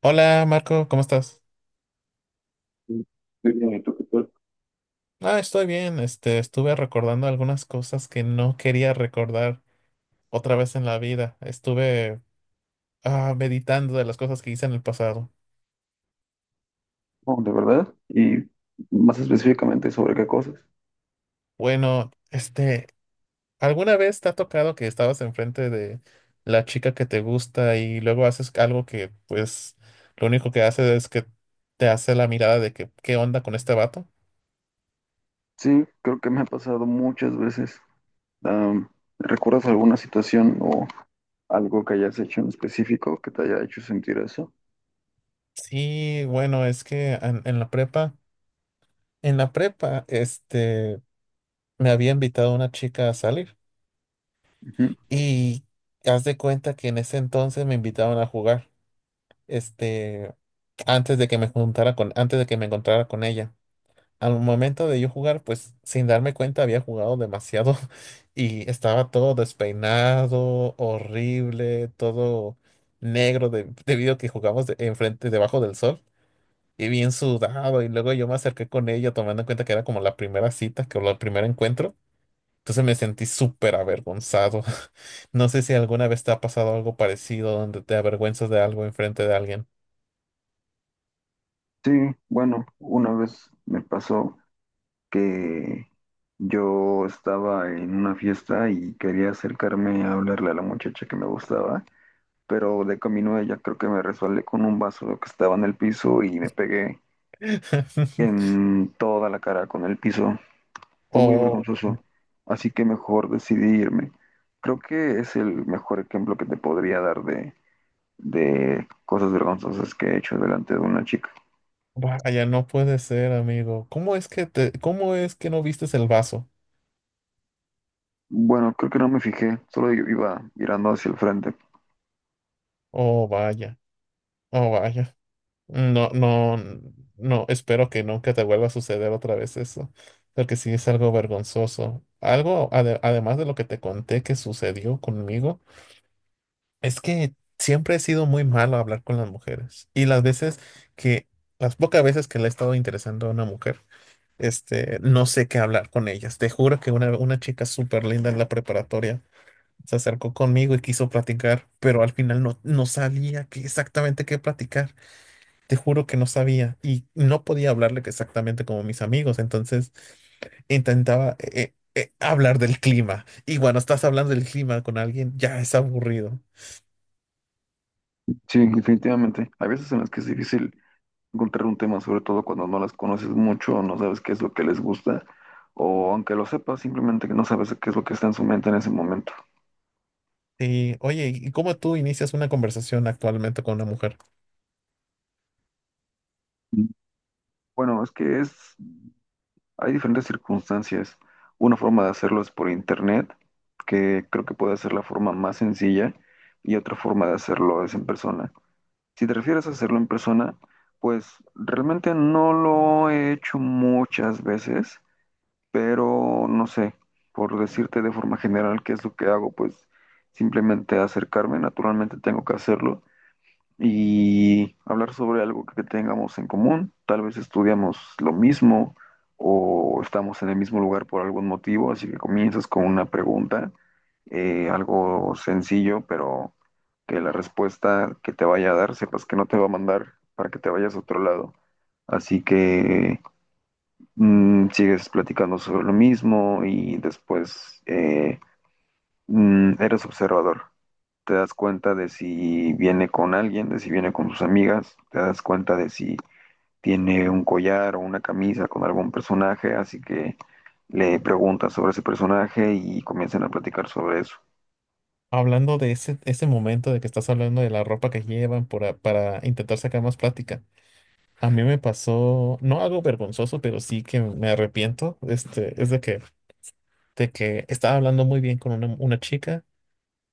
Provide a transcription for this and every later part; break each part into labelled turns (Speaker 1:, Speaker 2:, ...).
Speaker 1: Hola Marco, ¿cómo estás?
Speaker 2: Muy bien, ¿tú qué?
Speaker 1: Ah, estoy bien. Estuve recordando algunas cosas que no quería recordar otra vez en la vida. Estuve meditando de las cosas que hice en el pasado.
Speaker 2: Oh, ¿de verdad? Y más específicamente, ¿sobre qué cosas?
Speaker 1: Bueno, ¿alguna vez te ha tocado que estabas enfrente de la chica que te gusta y luego haces algo que, pues, lo único que hace es que te hace la mirada de que, ¿qué onda con este vato?
Speaker 2: Sí, creo que me ha pasado muchas veces. Am, ¿Recuerdas alguna situación o algo que hayas hecho en específico que te haya hecho sentir eso?
Speaker 1: Sí, bueno, es que en la prepa, en la prepa, me había invitado una chica a salir
Speaker 2: Ujú.
Speaker 1: y haz de cuenta que en ese entonces me invitaban a jugar, este, antes de que me juntara con, antes de que me encontrara con ella. Al momento de yo jugar, pues sin darme cuenta había jugado demasiado y estaba todo despeinado, horrible, todo negro debido a que jugamos enfrente, debajo del sol y bien sudado. Y luego yo me acerqué con ella tomando en cuenta que era como la primera cita, que o el primer encuentro. Entonces me sentí súper avergonzado. No sé si alguna vez te ha pasado algo parecido donde te avergüenzas de algo enfrente de alguien.
Speaker 2: Sí, bueno, una vez me pasó que yo estaba en una fiesta y quería acercarme a hablarle a la muchacha que me gustaba, pero de camino a ella creo que me resbalé con un vaso que estaba en el piso y me pegué en toda la cara con el piso. Fue muy
Speaker 1: O
Speaker 2: vergonzoso, así que mejor decidí irme. Creo que es el mejor ejemplo que te podría dar de cosas vergonzosas que he hecho delante de una chica.
Speaker 1: vaya, no puede ser, amigo. ¿Cómo es que te, cómo es que no vistes el vaso?
Speaker 2: Bueno, creo que no me fijé, solo iba mirando hacia el frente.
Speaker 1: Oh, vaya, oh, vaya. No, no, no, espero que nunca te vuelva a suceder otra vez eso, porque sí es algo vergonzoso. Algo, además de lo que te conté que sucedió conmigo. Es que siempre he sido muy malo a hablar con las mujeres. Y las veces que, las pocas veces que le he estado interesando a una mujer, no sé qué hablar con ellas. Te juro que una chica súper linda en la preparatoria se acercó conmigo y quiso platicar, pero al final no, no sabía exactamente qué platicar. Te juro que no sabía y no podía hablarle que exactamente como mis amigos. Entonces intentaba hablar del clima. Y cuando estás hablando del clima con alguien, ya es aburrido.
Speaker 2: Sí, definitivamente. Hay veces en las que es difícil encontrar un tema, sobre todo cuando no las conoces mucho o no sabes qué es lo que les gusta, o aunque lo sepas, simplemente que no sabes qué es lo que está en su mente en ese momento.
Speaker 1: Sí, oye, ¿y cómo tú inicias una conversación actualmente con una mujer?
Speaker 2: Mm. Bueno, es que es hay diferentes circunstancias. Una forma de hacerlo es por internet, que creo que puede ser la forma más sencilla, y otra forma de hacerlo es en persona. Si te refieres a hacerlo en persona, pues realmente no lo he hecho muchas veces, pero no sé, por decirte de forma general qué es lo que hago, pues simplemente acercarme, naturalmente tengo que hacerlo, y hablar sobre algo que tengamos en común. Tal vez estudiamos lo mismo o estamos en el mismo lugar por algún motivo, así que comienzas con una pregunta, algo sencillo, pero que la respuesta que te vaya a dar sepas que no te va a mandar para que te vayas a otro lado. Así que sigues platicando sobre lo mismo y después eres observador, te das cuenta de si viene con alguien, de si viene con sus amigas, te das cuenta de si tiene un collar o una camisa con algún personaje, así que le preguntas sobre ese personaje y comienzan a platicar sobre eso.
Speaker 1: Hablando de ese, ese momento de que estás hablando de la ropa que llevan para intentar sacar más plática. A mí me pasó, no algo vergonzoso, pero sí que me arrepiento, es de que estaba hablando muy bien con una chica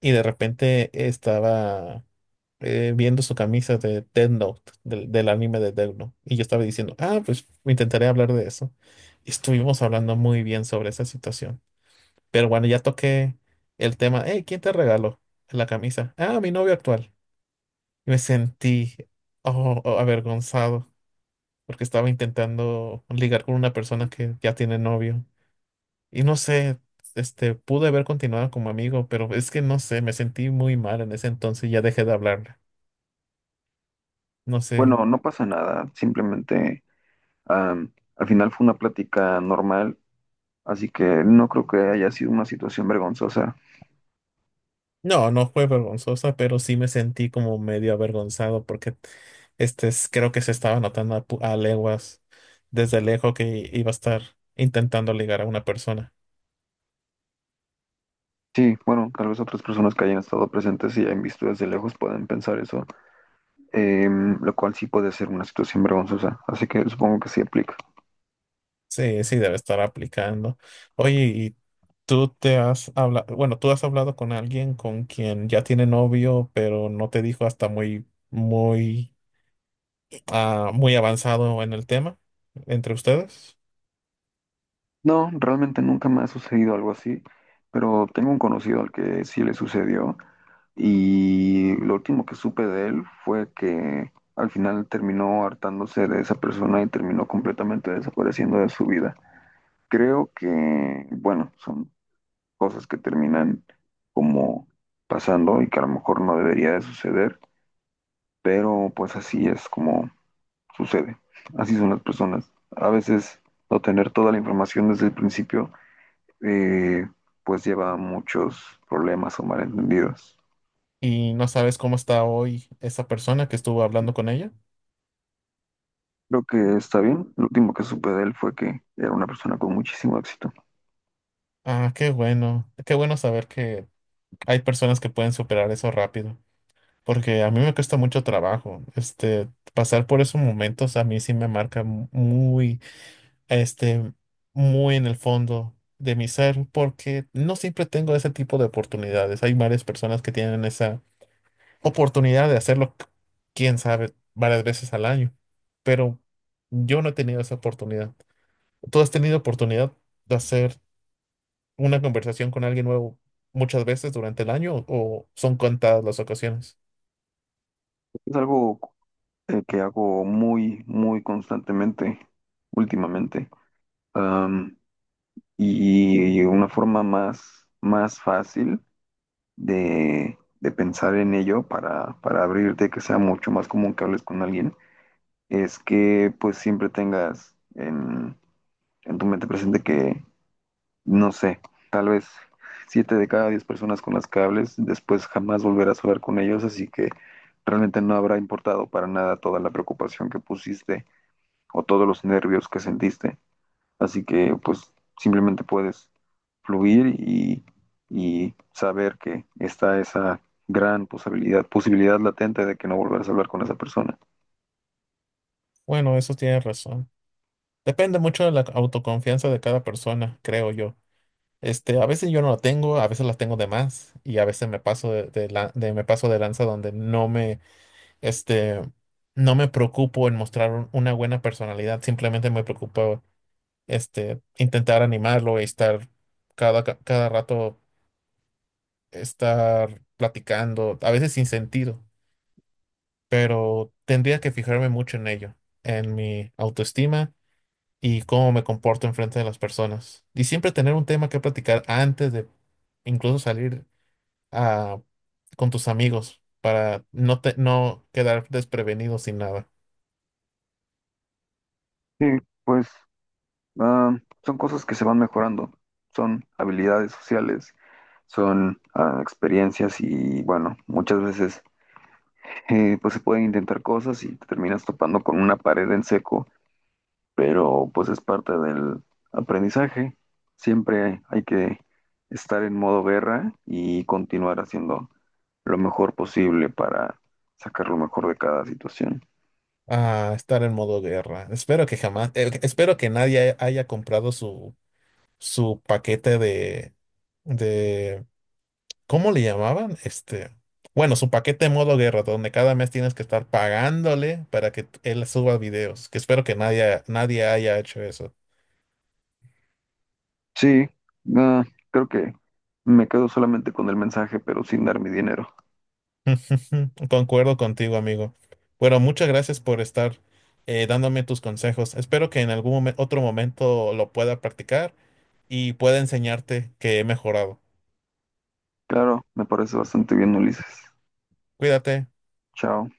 Speaker 1: y de repente estaba viendo su camisa de Death Note, del, del anime de Death Note, y yo estaba diciendo, ah, pues intentaré hablar de eso. Y estuvimos hablando muy bien sobre esa situación. Pero bueno, ya toqué el tema. Hey, ¿quién te regaló la camisa? Ah, mi novio actual. Y me sentí oh, oh, avergonzado porque estaba intentando ligar con una persona que ya tiene novio. Y no sé, pude haber continuado como amigo, pero es que no sé, me sentí muy mal en ese entonces y ya dejé de hablarle. No sé.
Speaker 2: Bueno, no pasa nada, simplemente, al final fue una plática normal, así que no creo que haya sido una situación vergonzosa.
Speaker 1: No, no fue vergonzosa, pero sí me sentí como medio avergonzado porque creo que se estaba notando a, a leguas desde lejos que iba a estar intentando ligar a una persona.
Speaker 2: Sí, bueno, tal vez otras personas que hayan estado presentes y hayan visto desde lejos pueden pensar eso, lo cual sí puede ser una situación vergonzosa, así que supongo que sí aplica.
Speaker 1: Sí, sí, debe estar aplicando. Oye, ¿y tú te has hablado, bueno, tú has hablado con alguien con quien ya tiene novio, pero no te dijo hasta muy, muy, muy avanzado en el tema entre ustedes?
Speaker 2: No, realmente nunca me ha sucedido algo así, pero tengo un conocido al que sí le sucedió, y lo último que supe de él fue que al final terminó hartándose de esa persona y terminó completamente desapareciendo de su vida. Creo que, bueno, son cosas que terminan como pasando y que a lo mejor no debería de suceder, pero pues así es como sucede. Así son las personas. A veces no tener toda la información desde el principio, eh, pues lleva a muchos problemas o malentendidos.
Speaker 1: ¿Y no sabes cómo está hoy esa persona que estuvo hablando con ella?
Speaker 2: Creo que está bien. Lo último que supe de él fue que era una persona con muchísimo éxito.
Speaker 1: Ah, qué bueno. Qué bueno saber que hay personas que pueden superar eso rápido, porque a mí me cuesta mucho trabajo. Pasar por esos momentos a mí sí me marca muy, este, muy en el fondo de mi ser, porque no siempre tengo ese tipo de oportunidades. Hay varias personas que tienen esa oportunidad de hacerlo, quién sabe, varias veces al año, pero yo no he tenido esa oportunidad. ¿Tú has tenido oportunidad de hacer? Una conversación con alguien nuevo muchas veces durante el año o son contadas las ocasiones?
Speaker 2: Es algo, que hago muy, muy constantemente últimamente. Um, y una forma más fácil de pensar en ello para abrirte, que sea mucho más común que hables con alguien, es que pues siempre tengas en tu mente presente que, no sé, tal vez 7 de cada 10 personas con las que hables, después jamás volverás a hablar con ellos, así que realmente no habrá importado para nada toda la preocupación que pusiste o todos los nervios que sentiste. Así que pues simplemente puedes fluir y saber que está esa gran posibilidad latente de que no volverás a hablar con esa persona.
Speaker 1: Bueno, eso tiene razón. Depende mucho de la autoconfianza de cada persona, creo yo. A veces yo no la tengo, a veces la tengo de más y a veces me paso de, me paso de lanza donde no me, este, no me preocupo en mostrar una buena personalidad, simplemente me preocupo, intentar animarlo y estar cada, cada rato estar platicando, a veces sin sentido. Pero tendría que fijarme mucho en ello, en mi autoestima y cómo me comporto enfrente de las personas. Y siempre tener un tema que platicar antes de incluso salir a, con tus amigos para no, no quedar desprevenido sin nada.
Speaker 2: Sí, pues, ah, son cosas que se van mejorando, son habilidades sociales, son experiencias y bueno, muchas veces pues se pueden intentar cosas y te terminas topando con una pared en seco, pero pues es parte del aprendizaje. Siempre hay que estar en modo guerra y continuar haciendo lo mejor posible para sacar lo mejor de cada situación.
Speaker 1: A estar en modo guerra. Espero que jamás, espero que nadie haya comprado su, su paquete de ¿Cómo le llamaban? Bueno, su paquete modo guerra, donde cada mes tienes que estar pagándole para que él suba videos, que espero que nadie, nadie haya hecho eso.
Speaker 2: Sí, ah, creo que me quedo solamente con el mensaje, pero sin dar mi dinero.
Speaker 1: Concuerdo contigo, amigo. Bueno, muchas gracias por estar dándome tus consejos. Espero que en algún otro momento lo pueda practicar y pueda enseñarte que he mejorado.
Speaker 2: Claro, me parece bastante bien, Ulises.
Speaker 1: Cuídate.
Speaker 2: Chao.